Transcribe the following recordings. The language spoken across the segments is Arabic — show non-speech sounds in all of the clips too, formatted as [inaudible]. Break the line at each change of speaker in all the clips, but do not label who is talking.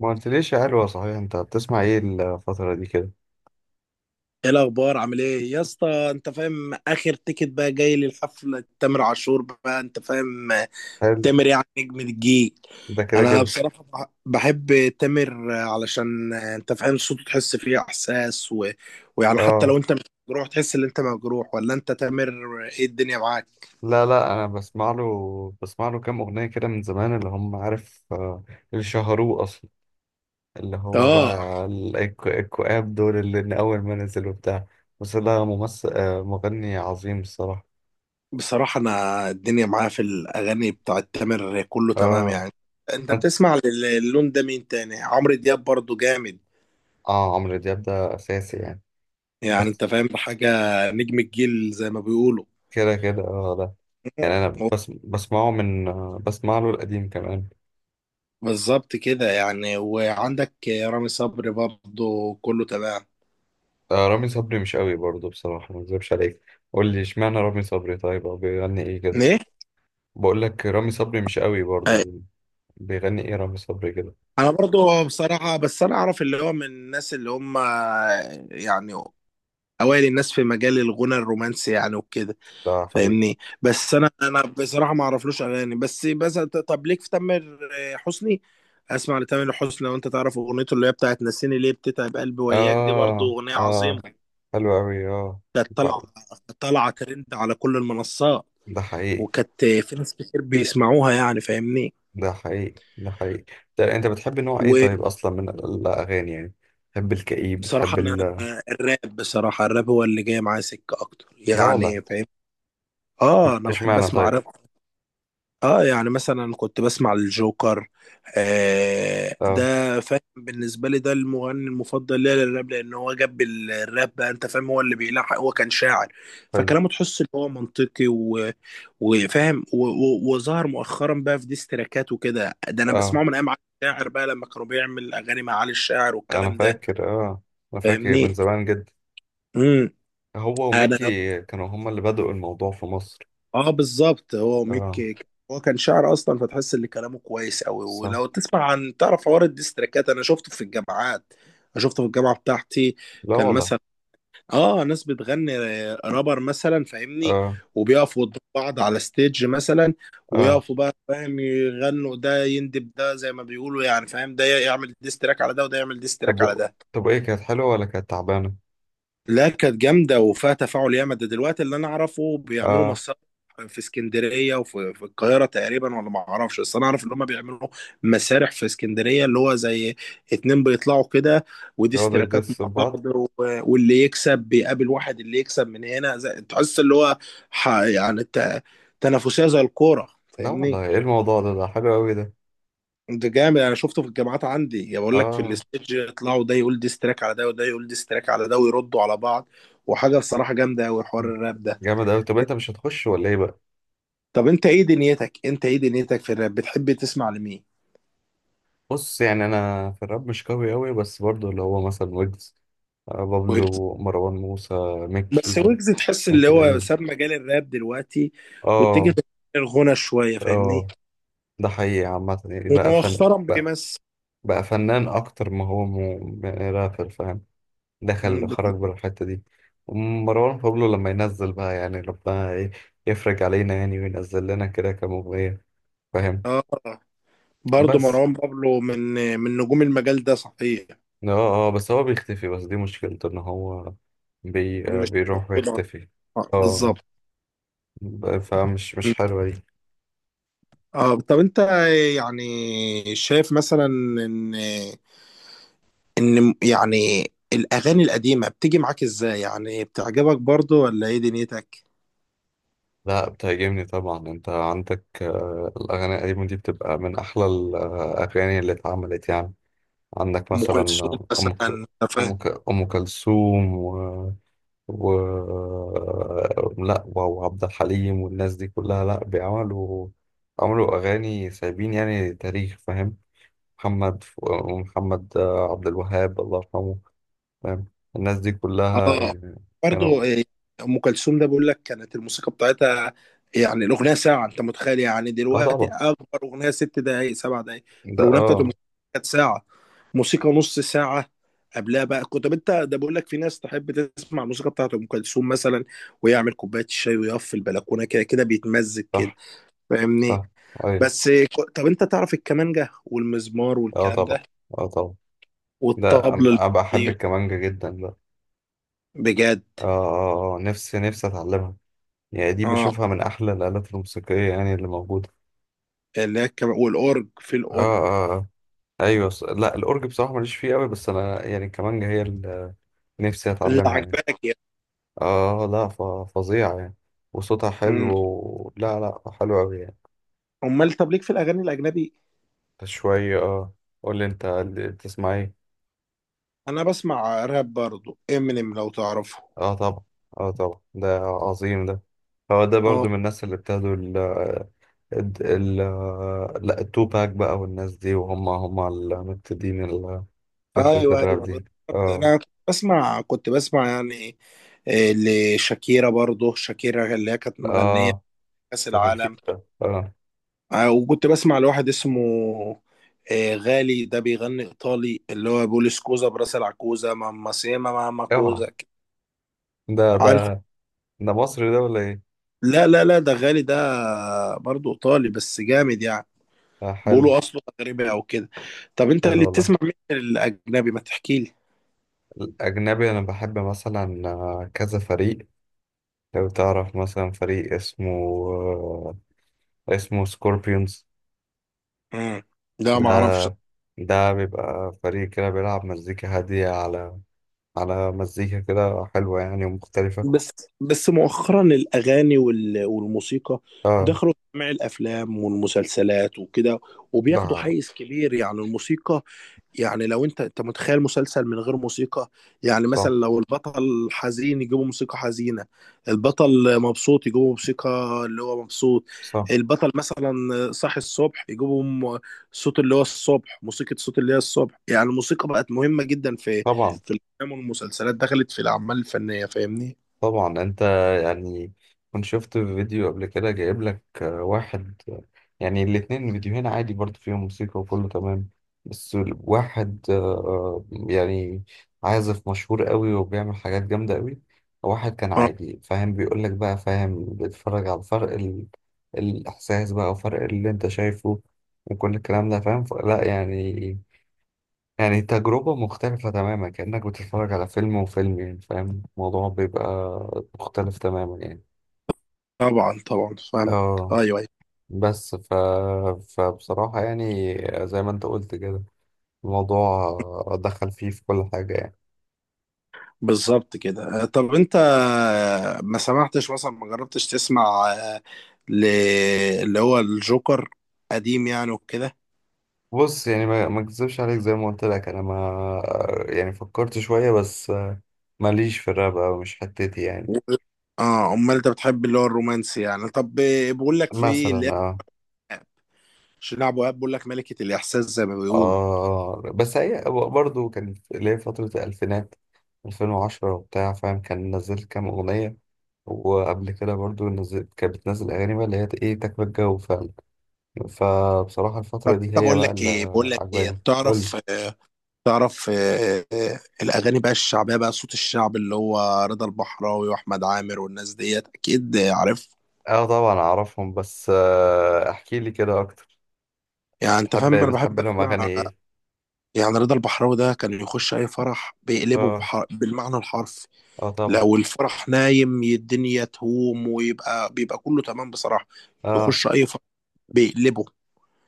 ما قلتليش يا حلوة، صحيح انت بتسمع ايه الفترة دي كده؟
ايه الاخبار؟ عامل ايه يا اسطى؟ انت فاهم، اخر تيكت بقى جاي للحفله تامر عاشور، بقى انت فاهم.
حلو.
تامر يعني نجم الجيل.
ده كده
انا
كده،
بصراحه بحب تامر علشان انت فاهم صوته، تحس فيه احساس، ويعني حتى لو
اه.
انت مش مجروح تحس ان انت مجروح، ولا انت تامر ايه الدنيا معاك؟
لا لا، انا بسمع له، كام اغنية كده من زمان اللي هم عارف، اللي شهروه اصلا، اللي هو
اه.
بقى الكواب دول اللي من اول ما نزل وبتاع. بس ده ممثل، مغني عظيم الصراحة.
بصراحه انا الدنيا معايا في الاغاني بتاعت تامر كله تمام
اه،
يعني. انت
انت،
بتسمع اللون ده مين تاني؟ عمرو دياب برضو جامد،
اه عمرو دياب ده اساسي يعني.
يعني
بس
انت فاهم بحاجة. نجم الجيل زي ما بيقولوا.
كده كده، اه ده. يعني انا
[laughs]
بس بسمعه من، بسمع له القديم كمان.
بالظبط كده يعني. وعندك رامي صبري برضه كله تمام.
رامي صبري مش قوي برضه، بصراحة ما اكذبش عليك. قول لي اشمعنى رامي صبري طيب، او بيغني ايه كده؟
ايه؟
بقول لك رامي صبري مش قوي
أي.
برضه. بيغني ايه رامي صبري كده؟
انا برضه بصراحة بس انا اعرف اللي هو من الناس اللي هم يعني اوائل الناس في مجال الغنى الرومانسي يعني وكده.
ده حقيقي.
فاهمني، بس انا بصراحة ما اعرفلوش اغاني. بس طب ليك في تامر حسني. اسمع لتامر حسني، لو انت تعرف اغنيته اللي هي بتاعت نسيني ليه بتتعب قلبي وياك، دي برضه
اه
اغنية عظيمة.
اه، حلو قوي اه.
كانت
ب-
طالعة ترند على كل المنصات.
ده حقيقي،
وكانت في ناس كتير بيسمعوها يعني، فاهمني.
ده حقيقي، ده حقيقي. ده انت بتحب نوع ايه
وبصراحة
طيب اصلا من الاغاني يعني؟ بتحب الكئيب، بتحب
أنا الراب، بصراحة الراب هو اللي جاي معايا سكة أكتر
لا والله.
يعني، فاهم. آه، أنا بحب
اشمعنى
أسمع
طيب؟
راب. آه، يعني مثلا كنت بسمع الجوكر. آه،
اه
ده فاهم بالنسبة لي، ده المغني المفضل ليا للراب، لأن هو جاب الراب بقى، أنت فاهم، هو اللي بيلحق، هو كان شاعر.
حلو،
فكلامه تحس إن هو منطقي وفاهم وظهر مؤخرا بقى في ديستراكات وكده. ده انا بسمعه
اه.
من ايام علي الشاعر بقى، لما كانوا بيعمل اغاني مع علي الشاعر
انا
والكلام ده،
فاكر، اه. انا فاكر من
فاهمني.
زمان جدا.
امم
هو
انا،
وميكي كانوا هما اللي بدأوا الموضوع في مصر.
اه بالظبط، هو
اه.
ميكي. هو كان شاعر اصلا، فتحس ان كلامه كويس قوي.
صح.
ولو تسمع عن تعرف حوار الديستراكات، انا شفته في الجامعات. أنا شفته في الجامعه بتاعتي.
لا
كان
والله.
مثلا، اه، ناس بتغني رابر مثلا، فاهمني.
اه
وبيقفوا قدام بعض على ستيج مثلا،
اه.
ويقفوا بقى فاهم يغنوا، ده يندب ده زي ما بيقولوا، يعني فاهم، ده يعمل ديستراك على ده وده يعمل
طب
ديستراك على
و-
ده.
طب ايه، كانت حلوة ولا كانت تعبانة؟
لا كانت جامده وفيها تفاعل ياما. ده دلوقتي اللي انا اعرفه بيعملوا
اه.
مسرح في اسكندريه، وفي القاهره تقريبا، ولا ما اعرفش، بس انا اعرف ان هم بيعملوا مسارح في اسكندريه، اللي هو زي اتنين بيطلعوا كده، ودي
يقعدوا
اشتراكات
يدسوا
مع
في بعض.
بعض، واللي يكسب بيقابل واحد، اللي يكسب من هنا، زي تحس اللي هو يعني تنافسيه زي الكوره،
لا والله،
فاهمني.
ايه الموضوع ده؟ ده حلو قوي ده.
ده جامد، انا شفته في الجامعات عندي، يا بقول لك، في
اه،
الستيج يطلعوا، ده يقول ديس تراك على ده وده يقول ديس تراك على ده ويردوا على بعض. وحاجه بصراحه جامده قوي حوار الراب ده.
جامد قوي. طب انت مش هتخش ولا ايه بقى؟
طب انت ايه دنيتك، في الراب؟ بتحب تسمع لمين؟
بص، يعني انا في الراب مش قوي قوي، بس برضو اللي هو مثلا ويجز، آه،
ويجز.
بابلو، مروان موسى، ميك
بس
كيزا،
ويجز تحس اللي
ميك
هو
القديم.
ساب مجال الراب دلوقتي، واتجه
اه
في الغنى شويه، فاهمني.
اه. ده حقيقي، عامة يعني بقى فن.
ومؤخرا بيمثل.
بقى فنان اكتر ما هو رابر، فاهم؟ دخل
مم،
خرج
بالظبط.
بالحتة دي. مروان بابلو لما ينزل بقى يعني، ربنا يفرج علينا، يعني وينزل لنا كده كمغنية، فاهم؟
اه، برضه
بس
مروان بابلو من نجوم المجال ده صحيح.
اه اه، بس هو بيختفي، بس دي مشكلته ان هو بي آه،
مش
بيروح
موجود.
ويختفي.
آه،
اه،
بالظبط.
فمش، مش حلوة دي.
اه. طب انت يعني شايف مثلا ان يعني الاغاني القديمه بتيجي معاك ازاي؟ يعني بتعجبك برضو ولا ايه دنيتك؟
لا، بتهاجمني طبعا، انت عندك، الاغاني القديمة دي بتبقى من احلى الاغاني اللي اتعملت يعني. عندك
ام
مثلا
كلثوم
أم ك...
مثلا.
أم كلثوم، و... لا، وعبد الحليم والناس دي كلها، لا بيعملوا، عملوا أغاني سايبين يعني تاريخ، فاهم؟ محمد ف- محمد عبد الوهاب الله يرحمه، فاهم؟ الناس دي كلها
اه،
يعني كانوا.
برضه إيه، ام كلثوم ده بقول لك، كانت الموسيقى بتاعتها يعني الاغنيه ساعه. انت متخيل؟ يعني
اه
دلوقتي
طبعا،
اكبر اغنيه 6 دقائق، 7 دقائق.
ده
الاغنيه بتاعت ام
اه.
كلثوم كانت ساعه، موسيقى نص ساعه قبلها بقى. كنت، طب انت ده بقول لك، في ناس تحب تسمع الموسيقى بتاعت ام كلثوم مثلا، ويعمل كوبايه الشاي ويقف في البلكونه كده كده بيتمزج كده،
صح
فاهمني.
صح. ايوه.
بس طب انت تعرف الكمانجه والمزمار
اه
والكلام
طبعا.
ده
اه طبعا، ده
والطبل
أنا بحب
البلدي؟
الكمانجة جدا ده.
بجد.
اه اه اه، نفسي اتعلمها يعني. دي
اه،
بشوفها من أحلى الآلات الموسيقية يعني اللي موجودة.
اللي هي والاورج، في
اه
الاورج
اه اه. أيوة، لا، الأورج بصراحة ماليش فيه أوي، بس أنا يعني كمانجا هي اللي نفسي
اللي
أتعلمها يعني.
عجبانك يعني.
اه لا، فظيعة يعني. وصوتها حلو
امم
لا لا، حلو أوي يعني.
امال طب ليك في الاغاني الاجنبي؟
شوية، اه. قول لي أنت اللي بتسمع إيه؟
انا بسمع راب برضو، امينيم لو تعرفه.
اه طبعا. اه طبعا، ده عظيم ده. هو ده
اه،
برضو من الناس اللي ابتدوا ال ال- لا، التوباك بقى والناس دي، وهم هم المبتدئين فكرة
ايوه
الراب
ايوه
دي.
بالظبط،
اه
انا كنت بسمع يعني آه، لشاكيرا، برضو شاكيرا اللي هي كانت مغنيه في
اه.
كاس
بتاعت
العالم.
الفيفا، اه.
وكنت بسمع لواحد اسمه غالي، ده بيغني ايطالي، اللي هو بيقول سكوزا براس العكوزه ماما سيما ماما
اوعى.
كوزا،
ده ده،
عارف.
ده مصري ده ولا ايه؟
لا لا لا، ده غالي ده برضو ايطالي، بس جامد يعني.
آه حلو.
بيقولوا اصله مغربي او كده. طب انت
حلو
اللي
والله.
بتسمع مين الاجنبي؟ ما تحكي لي.
الأجنبي أنا بحب مثلا، كذا فريق، لو تعرف مثلا فريق اسمه، آه، اسمه سكوربيونز.
امم لا
ده،
ما اعرفش.
ده بيبقى فريق كده بيلعب مزيكا هادية، على على مزيكا كده حلوة يعني ومختلفة.
بس بس مؤخرا الاغاني والموسيقى
اه.
دخلوا في جميع الافلام والمسلسلات وكده، وبياخدوا
ده.
حيز كبير يعني الموسيقى. يعني لو انت متخيل مسلسل من غير موسيقى، يعني مثلا
صح
لو البطل حزين يجيبوا موسيقى حزينة، البطل مبسوط يجيبوا موسيقى اللي هو مبسوط،
صح.
البطل مثلا صاحي الصبح يجيبوا صوت اللي هو الصبح، موسيقى صوت اللي هي الصبح، يعني الموسيقى بقت مهمة جدا في
طبعا
في الافلام والمسلسلات، دخلت في الاعمال الفنية، فاهمني.
طبعا. انت، يعني كنت شفت فيديو قبل كده جايب لك، واحد، يعني الاتنين فيديوهين عادي برضه، فيهم موسيقى وكله تمام. بس واحد، يعني عازف مشهور قوي وبيعمل حاجات جامدة قوي، واحد كان
اه
عادي، فاهم؟ بيقول لك بقى، فاهم؟ بيتفرج على فرق الإحساس بقى، وفرق اللي انت شايفه، وكل الكلام ده، فاهم؟ لا يعني، يعني تجربة مختلفة تماما، كأنك بتتفرج على فيلم وفيلم يعني، فاهم؟ الموضوع بيبقى مختلف تماما يعني.
طبعا، طبعا فاهمك.
اه.
ايوه ايوه،
بس فبصراحة يعني، زي ما انت قلت كده، الموضوع دخل فيه في كل حاجة يعني.
بالظبط كده. طب انت ما سمعتش مثلا؟ ما جربتش تسمع ل- اللي هو الجوكر قديم يعني وكده؟
بص، يعني ما اكذبش عليك، زي ما قلت لك انا ما، يعني فكرت شوية، بس ماليش في الراب أوي، مش حتتي يعني.
و- اه، امال انت بتحب اللي هو الرومانسي يعني؟ طب بقول لك في
مثلا
اللي هي
اه.
شيرين ابو وهاب، بقول لك ملكة الاحساس زي ما بيقولوا.
آه، بس هي برضه كان اللي هي فترة الألفينات 2010 وبتاع، فاهم؟ كان نزلت كام أغنية، وقبل كده برضه نزلت، كانت بتنزل أغاني بقى اللي هي إيه، تكبر الجو فعلا. فبصراحة الفترة دي
طب
هي
بقول
بقى
لك
اللي
ايه بقول لك ايه
عجباني. قولي.
تعرف الاغاني بقى الشعبيه بقى، صوت الشعب، اللي هو رضا البحراوي واحمد عامر والناس ديت، اكيد عارف.
اه طبعا أعرفهم، بس آه، احكي لي كده أكتر.
يعني انت
بتحب
فاهم، انا
بتحب
بحب
لهم أغاني
اسمع.
إيه؟
يعني رضا البحراوي ده كان يخش اي فرح بيقلبه
اه
بالمعنى الحرفي.
اه طبعا.
لو الفرح نايم الدنيا تهوم، ويبقى كله تمام بصراحة.
اه.
يخش أي فرح بيقلبه.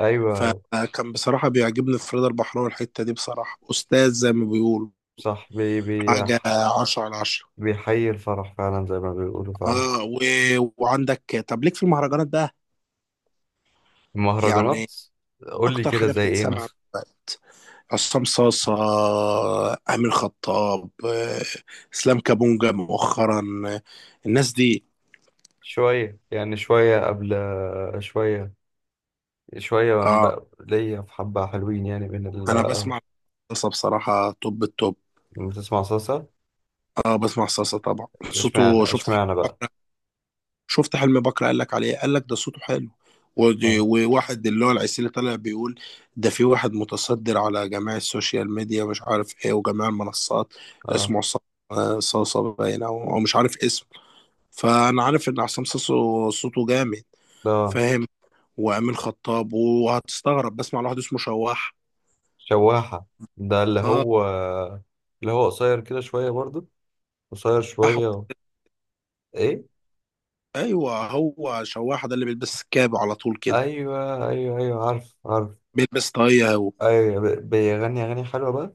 أيوه.
فكان بصراحة بيعجبني، فريد البحراوي الحتة دي بصراحة أستاذ زي ما بيقولوا.
صح. بي بي
حاجة 10 على 10.
بيحيي الفرح فعلا زي ما بيقولوا فعلا.
اه، وعندك، طب ليك في المهرجانات بقى؟ يعني
المهرجانات. قول لي
أكتر
كده
حاجة
زي ايه
بتتسمع
مثلا.
دلوقتي، عصام صاصة، أمين خطاب، إسلام كابونجا مؤخرا، آه، الناس دي.
شوية يعني، شوية قبل، شوية، شوية من
اه،
بقى ليا في حبة حلوين يعني من ال.
أنا بسمع صاصة بصراحة، توب التوب.
من بتسمع صلصة.
اه، بسمع صلصة طبعا، صوته،
اشمعنى
شفت حلم
اشمعنى بقى.
بكرة. قال لك عليه، قال لك ده صوته حلو.
اه
وواحد اللي هو العسيلي طالع بيقول، ده في واحد متصدر على جميع السوشيال ميديا مش عارف ايه، وجميع المنصات،
اه.
اسمه عصام، صاصة باين، او مش عارف اسمه، فانا عارف ان عصام صاصة صوته جامد،
ده
فاهم. وامين خطاب، وهتستغرب، بسمع لواحد اسمه شواح.
شواحة، ده اللي
اه،
هو، اللي هو قصير كده شوية برضو، قصير
أحمد.
شوية. ايه.
ايوه، هو شواح ده اللي بيلبس كاب على طول كده،
ايوه ايوه ايوه، عارف عارف.
بيلبس طاقية هو.
ايوه، بيغني اغاني حلوة بقى.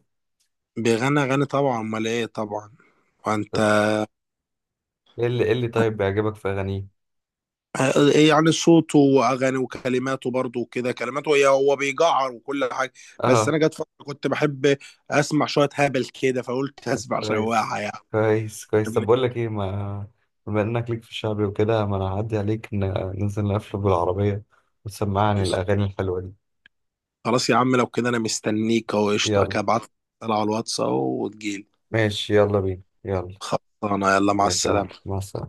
بيغني أغاني طبعا، أمال إيه، طبعا. فأنت،
طب ايه اللي طيب بيعجبك في اغانيه؟
إيه يعني، صوته وأغاني وكلماته برضه وكده، كلماته هي، هو بيجعر وكل حاجة. بس أنا
اه.
جت فترة كنت بحب أسمع شوية هبل كده، فقلت [laughs] أسمع شوية
كويس.
يعني،
كويس كويس. طب
فاهمني؟
بقول لك ايه، ما بما انك ليك في الشعبي وكده، ما انا هعدي عليك، ننزل نقفل بالعربية، وتسمعني الاغاني الحلوة دي.
خلاص يا عم، لو كده أنا مستنيك أهو، قشطة
يلا.
كده، ابعت لي على الواتس أهو وتجيلي.
ماشي، يلا بينا يلا.
خلصانة، يلا مع
ماشي يا معلم،
السلامة.
مع السلامة.